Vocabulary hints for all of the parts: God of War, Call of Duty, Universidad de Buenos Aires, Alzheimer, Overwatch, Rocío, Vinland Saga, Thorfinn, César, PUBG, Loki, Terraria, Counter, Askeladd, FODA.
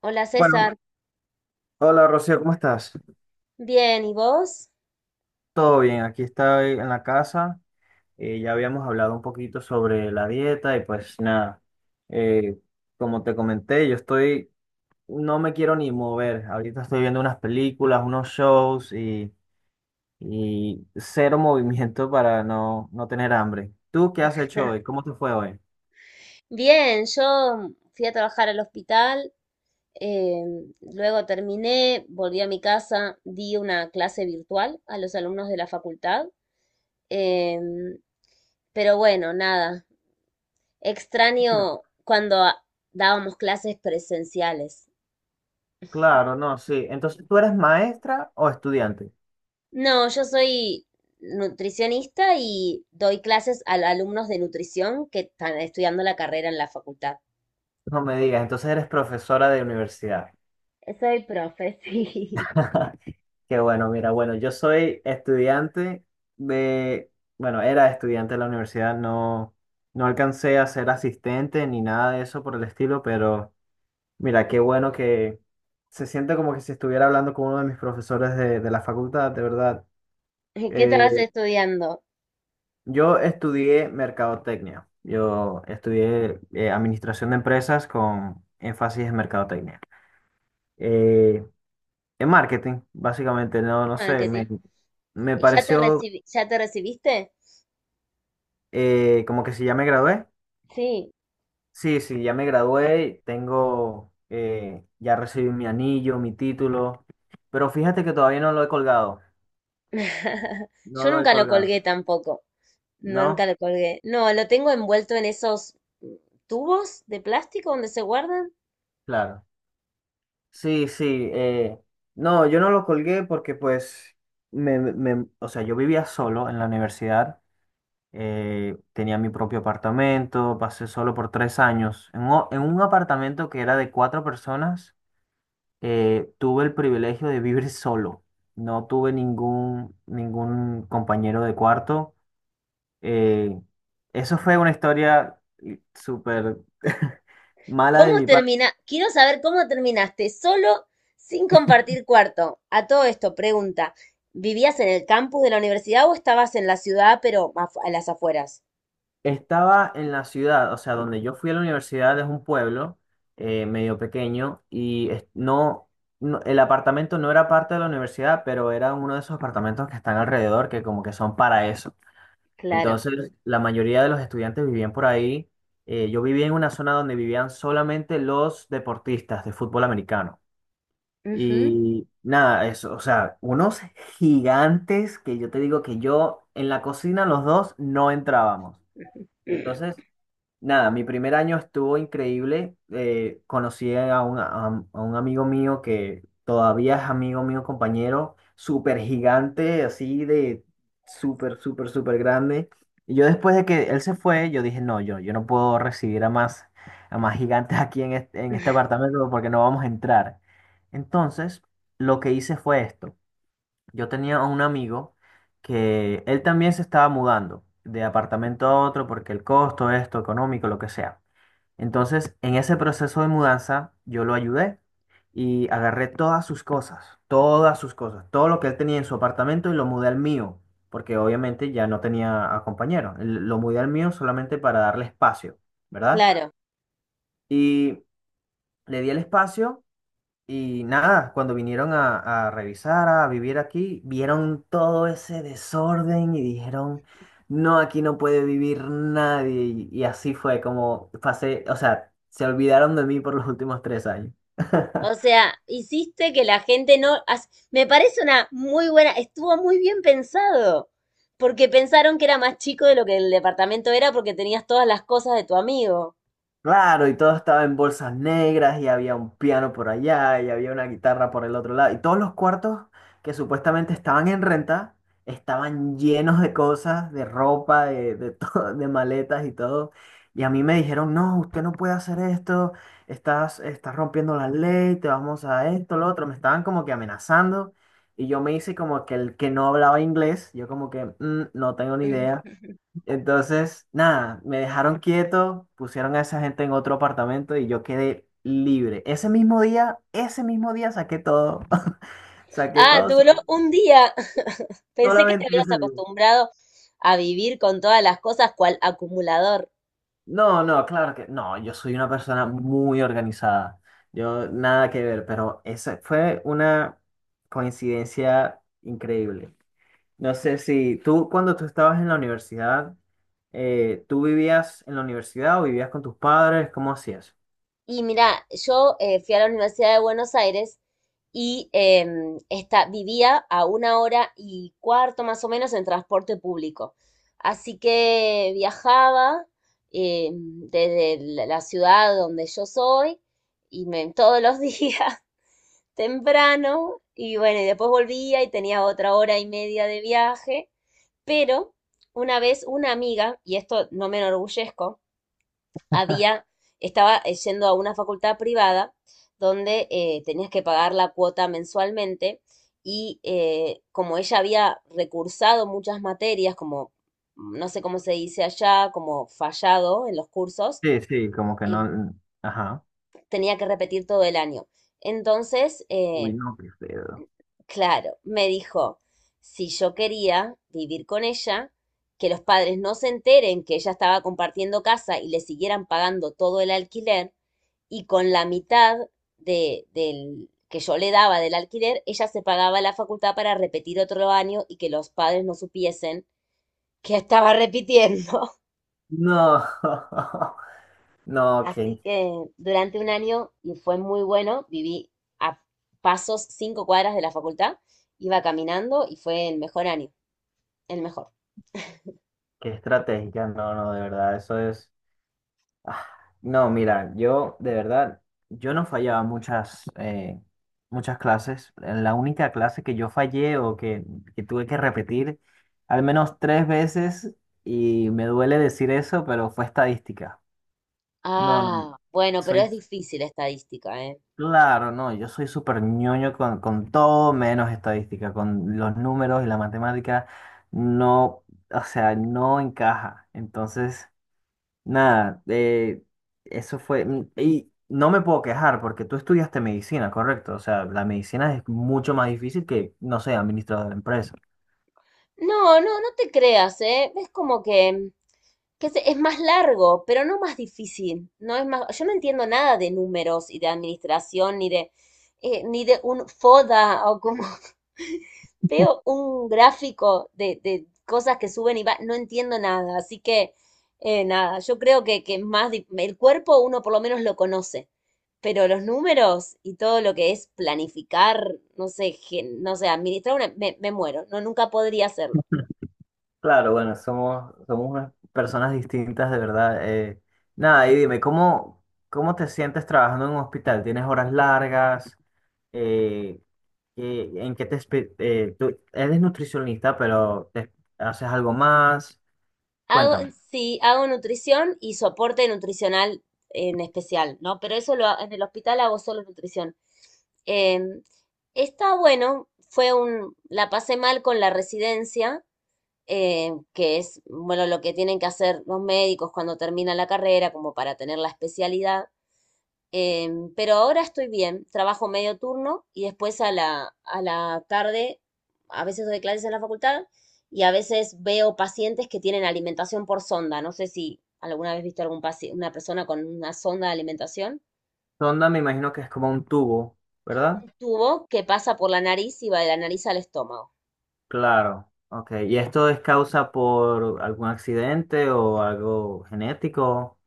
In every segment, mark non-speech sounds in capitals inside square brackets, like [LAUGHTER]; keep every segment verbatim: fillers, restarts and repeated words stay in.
Hola Bueno, César, hola Rocío, ¿cómo estás? bien, ¿y vos? Todo bien, aquí estoy en la casa. Eh, ya habíamos hablado un poquito sobre la dieta y pues nada, eh, como te comenté, yo estoy, no me quiero ni mover. Ahorita estoy viendo unas películas, unos shows y, y cero [LAUGHS] movimiento para no, no tener hambre. ¿Tú qué has hecho hoy? ¿Cómo te fue hoy? Bien, yo fui a trabajar al hospital, eh, luego terminé, volví a mi casa, di una clase virtual a los alumnos de la facultad, em, pero bueno, nada, Mira. extraño cuando a- dábamos clases presenciales. Claro, no, sí. Entonces, ¿tú eres maestra o estudiante? No, yo soy nutricionista y doy clases a alumnos de nutrición que están estudiando la carrera en la facultad. No me digas, entonces eres profesora de universidad. Soy profe, [LAUGHS] sí. [LAUGHS] Qué bueno, mira, bueno, yo soy estudiante de, bueno, era estudiante de la universidad, no, no alcancé a ser asistente ni nada de eso por el estilo, pero mira, qué bueno que se siente como que si estuviera hablando con uno de mis profesores de, de la facultad, de verdad. [LAUGHS] ¿Qué estabas Eh, estudiando? yo estudié mercadotecnia, yo estudié eh, administración de empresas con énfasis en mercadotecnia. Eh, en marketing, básicamente, no, no sé, me, Marketing. me ¿Y ya te pareció. recibi- ya te recibiste? Eh, como que si ya me gradué. Sí. Sí, sí, ya me gradué, tengo, eh, ya recibí mi anillo, mi título, pero fíjate que todavía no lo he colgado, [LAUGHS] no Yo lo he nunca lo colgado, colgué tampoco. No, nunca ¿no? lo colgué. No, lo tengo envuelto en esos tubos de plástico donde se guardan. Claro. Sí, sí, eh, no, yo no lo colgué porque pues, me, me- o sea, yo vivía solo en la universidad, eh, tenía mi propio apartamento, pasé solo por tres años, en un, en un apartamento que era de cuatro personas. Eh, tuve el privilegio de vivir solo. No tuve ningún, ningún compañero de cuarto. Eh, Eso fue una historia eh, súper [LAUGHS] mala de ¿Cómo mi parte. termina? Quiero saber cómo terminaste solo sin compartir cuarto. A todo esto, pregunta, ¿vivías en el campus de la universidad o estabas en la ciudad, pero afu- a las afueras? Estaba en la ciudad, o sea, donde yo fui a la universidad es un pueblo eh, medio pequeño y es- no, no- el apartamento no era parte de la universidad, pero era uno de esos apartamentos que están alrededor que como que son para eso. Claro. Entonces, la mayoría de los estudiantes vivían por ahí. Eh, yo vivía en una zona donde vivían solamente los deportistas de fútbol americano. Ujú. Y nada, eso, o sea, unos gigantes que yo te digo que yo en la cocina los dos no entrábamos. Entonces, nada, mi primer año estuvo increíble. Eh, conocí a, un- a un a un amigo mío que todavía es amigo mío, compañero, súper gigante, así de súper, súper, súper grande. Y yo después de que él se fue, yo dije, no, yo, yo no puedo recibir a más, a más gigantes aquí en este, en este apartamento porque no vamos a entrar. Entonces, lo que hice fue esto. Yo tenía un amigo que él también se estaba mudando de apartamento a otro porque el costo, esto, económico, lo que sea. Entonces, en ese proceso de mudanza, yo lo ayudé y agarré todas sus cosas, todas sus cosas, todo lo que él tenía en su apartamento y lo mudé al mío, porque obviamente ya no tenía a compañero. L- Lo mudé al mío solamente para darle espacio, ¿verdad? Claro. Y le di el espacio y nada, cuando vinieron a, a revisar, a vivir aquí, vieron todo ese desorden y dijeron, no, aquí no puede vivir nadie. Y, y así fue como pasé, o sea, se olvidaron de mí por los últimos tres años. [LAUGHS] O sea, hiciste que la gente no... as- Me parece una muy buena, estuvo muy bien pensado, porque pensaron que era más chico de lo que el departamento era porque tenías todas las cosas de tu amigo. Claro, y todo estaba en bolsas negras y había un piano por allá y había una guitarra por el otro lado. Y todos los cuartos que supuestamente estaban en renta estaban llenos de cosas, de ropa, de, de [LAUGHS] todo, de maletas y todo. Y a mí me dijeron, no, usted no puede hacer esto, estás, estás rompiendo la ley, te vamos a esto, lo otro. Me estaban como que amenazando y yo me hice como que el que no hablaba inglés, yo como que "Mm, no tengo ni idea". Mm. Entonces, nada, me dejaron quieto, pusieron a esa gente en otro apartamento y yo quedé libre. Ese mismo día, ese mismo día saqué todo. [LAUGHS] Saqué Ah, todo, so- duró un día. [LAUGHS] Pensé que te solamente habías ese día. acostumbrado a vivir con todas las cosas cual acumulador. No, no, claro que no, yo soy una persona muy organizada. Yo nada que ver, pero esa fue una coincidencia increíble. No sé si tú, cuando tú estabas en la universidad, eh, ¿tú vivías en la universidad o vivías con tus padres? ¿Cómo hacías? Y mira, yo eh, fui a la Universidad de Buenos Aires y eh, esta, vivía a una hora y cuarto más o menos en transporte público. Así que viajaba eh, desde la la ciudad donde yo soy y me, todos los [LAUGHS] días temprano y bueno, y después volvía y tenía otra hora y media de viaje, pero una vez una amiga, y esto no me enorgullezco, había, estaba eh, yendo a una facultad privada donde eh, tenías que pagar la cuota mensualmente y eh, como ella había recursado muchas materias, como no sé cómo se dice allá, como fallado en los cursos, Sí, sí, como que em, no. Ajá. tenía que repetir todo el año. Entonces, Uy, eh, no, qué feo. claro, me dijo, si yo quería vivir con ella, que los padres no se enteren que ella estaba compartiendo casa y le siguieran pagando todo el alquiler, y con la mitad de, del que yo le daba del alquiler, ella se pagaba la facultad para repetir otro año y que los padres no supiesen que estaba repitiendo. No, [LAUGHS] [LAUGHS] no, qué, Así que durante un año, y fue muy bueno, viví a pasos cinco cuadras de la facultad, iba caminando y fue el mejor año, el mejor. qué estrategia, no, no, de verdad, eso es. ah, No, mira, yo, de verdad, yo no fallaba muchas, eh, muchas clases. La única clase que yo fallé o que, que tuve que repetir al menos tres veces, y me duele decir eso, pero fue estadística. No, no, Ah, bueno, pero soy. es difícil estadística, ¿eh? Claro, no, yo soy súper ñoño con, con todo menos estadística, con los números y la matemática no, o sea, no encaja. Entonces, nada, eh, eso fue, mm, y no me puedo quejar porque tú estudiaste medicina, correcto, o sea, la medicina es mucho más difícil que, no sé, administrador de empresas. No, no, no te creas, ¿eh? Es como que, que se- es más largo, pero no más difícil. No es más, yo no entiendo nada de números y de administración, ni de, eh, ni de un FODA o como [LAUGHS] veo un gráfico de, de cosas que suben y va, no entiendo nada, así que eh, nada, yo creo que, que más di- el cuerpo uno por lo menos lo conoce, pero los números y todo lo que es planificar, no sé, gen- no sé, administrar una, me, me muero, no, nunca podría hacerlo. Claro, bueno, somos, somos unas personas distintas, de verdad. eh. Nada, y dime, ¿cómo, cómo te sientes trabajando en un hospital? ¿Tienes horas largas? Eh, ¿qué- ¿en qué te... espe- eh, tú eres nutricionista, pero te- haces algo más? Hago, Cuéntame. sí, hago nutrición y soporte nutricional en especial, ¿no? Pero eso lo, ha- en el hospital hago solo nutrición. Em, Está bueno, fue un, la pasé mal con la residencia, eh, que es, bueno, lo que tienen que hacer los médicos cuando terminan la carrera, como para tener la especialidad. Em, pero ahora estoy bien, trabajo medio turno y después a la, a la tarde, a veces doy clases en la facultad y a veces veo pacientes que tienen alimentación por sonda. No sé si alguna vez viste algún paci- una persona con una sonda de alimentación, Sonda, me imagino que es como un tubo, ¿verdad? un tubo que pasa por la nariz y va de la nariz al estómago. Claro, ok. ¿Y esto es causa por algún accidente o algo genético?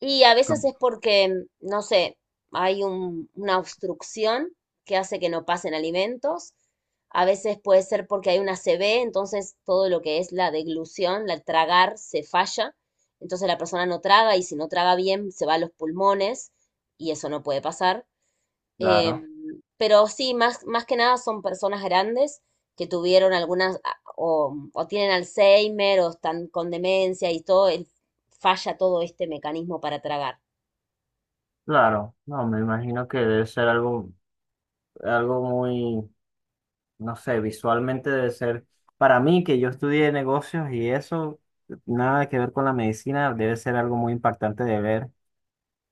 Y a veces Com- es porque, mm, no sé, hay un- una obstrucción que hace que no pasen alimentos. A veces puede ser porque hay una C B, entonces todo lo que es la deglución, la tragar, se falla. Entonces la persona no traga y si no traga bien se va a los pulmones y eso no puede pasar. Claro, Em, pero sí, más, más que nada son personas grandes que tuvieron algunas a- o, o tienen Alzheimer o están con demencia y todo, el- falla todo este mecanismo para tragar. claro. No, me imagino que debe ser algo, algo muy, no sé, visualmente debe ser, para mí que yo estudié negocios y eso, nada que ver con la medicina, debe ser algo muy impactante de ver.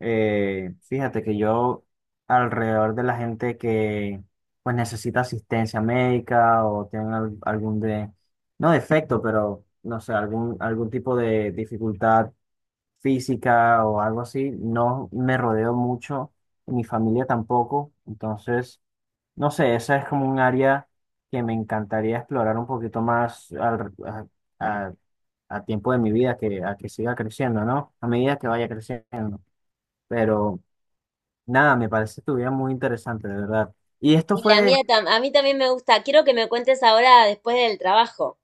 Eh, fíjate que yo alrededor de la gente que pues necesita asistencia médica o tienen al- algún de, no defecto, pero no sé, algún, algún tipo de dificultad física o algo así, no me rodeo mucho, mi familia tampoco, entonces... No sé, esa es como un área que me encantaría explorar un poquito más al- a, a- a tiempo de mi vida, que, a que siga creciendo, ¿no? A medida que vaya creciendo. Pero nada, me parece tu vida muy interesante, de verdad. Y esto Y la mía, fue, tam- a mí también me gusta. Quiero que me cuentes ahora después del trabajo.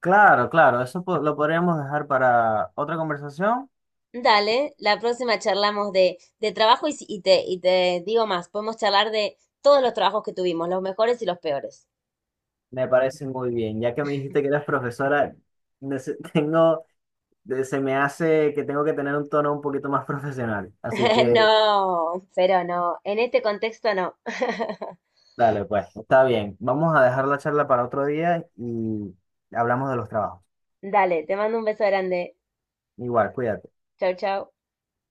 claro, claro, eso po- lo podríamos dejar para otra conversación. Dale, la próxima charlamos de, de trabajo y, si- y te, y te digo más, podemos charlar de todos los trabajos que tuvimos, los mejores y los peores. Me parece muy bien, ya que me dijiste que eras profesora, nece- [LAUGHS] tengo, de- se me hace que tengo que tener un tono un poquito más [LAUGHS] profesional. Así [LAUGHS] que... No, pero no, en este contexto no. [LAUGHS] Dale, pues, está bien. Vamos a dejar la charla para otro día y hablamos de los trabajos. Dale, te mando un beso grande. Igual, cuídate. Chau, chau.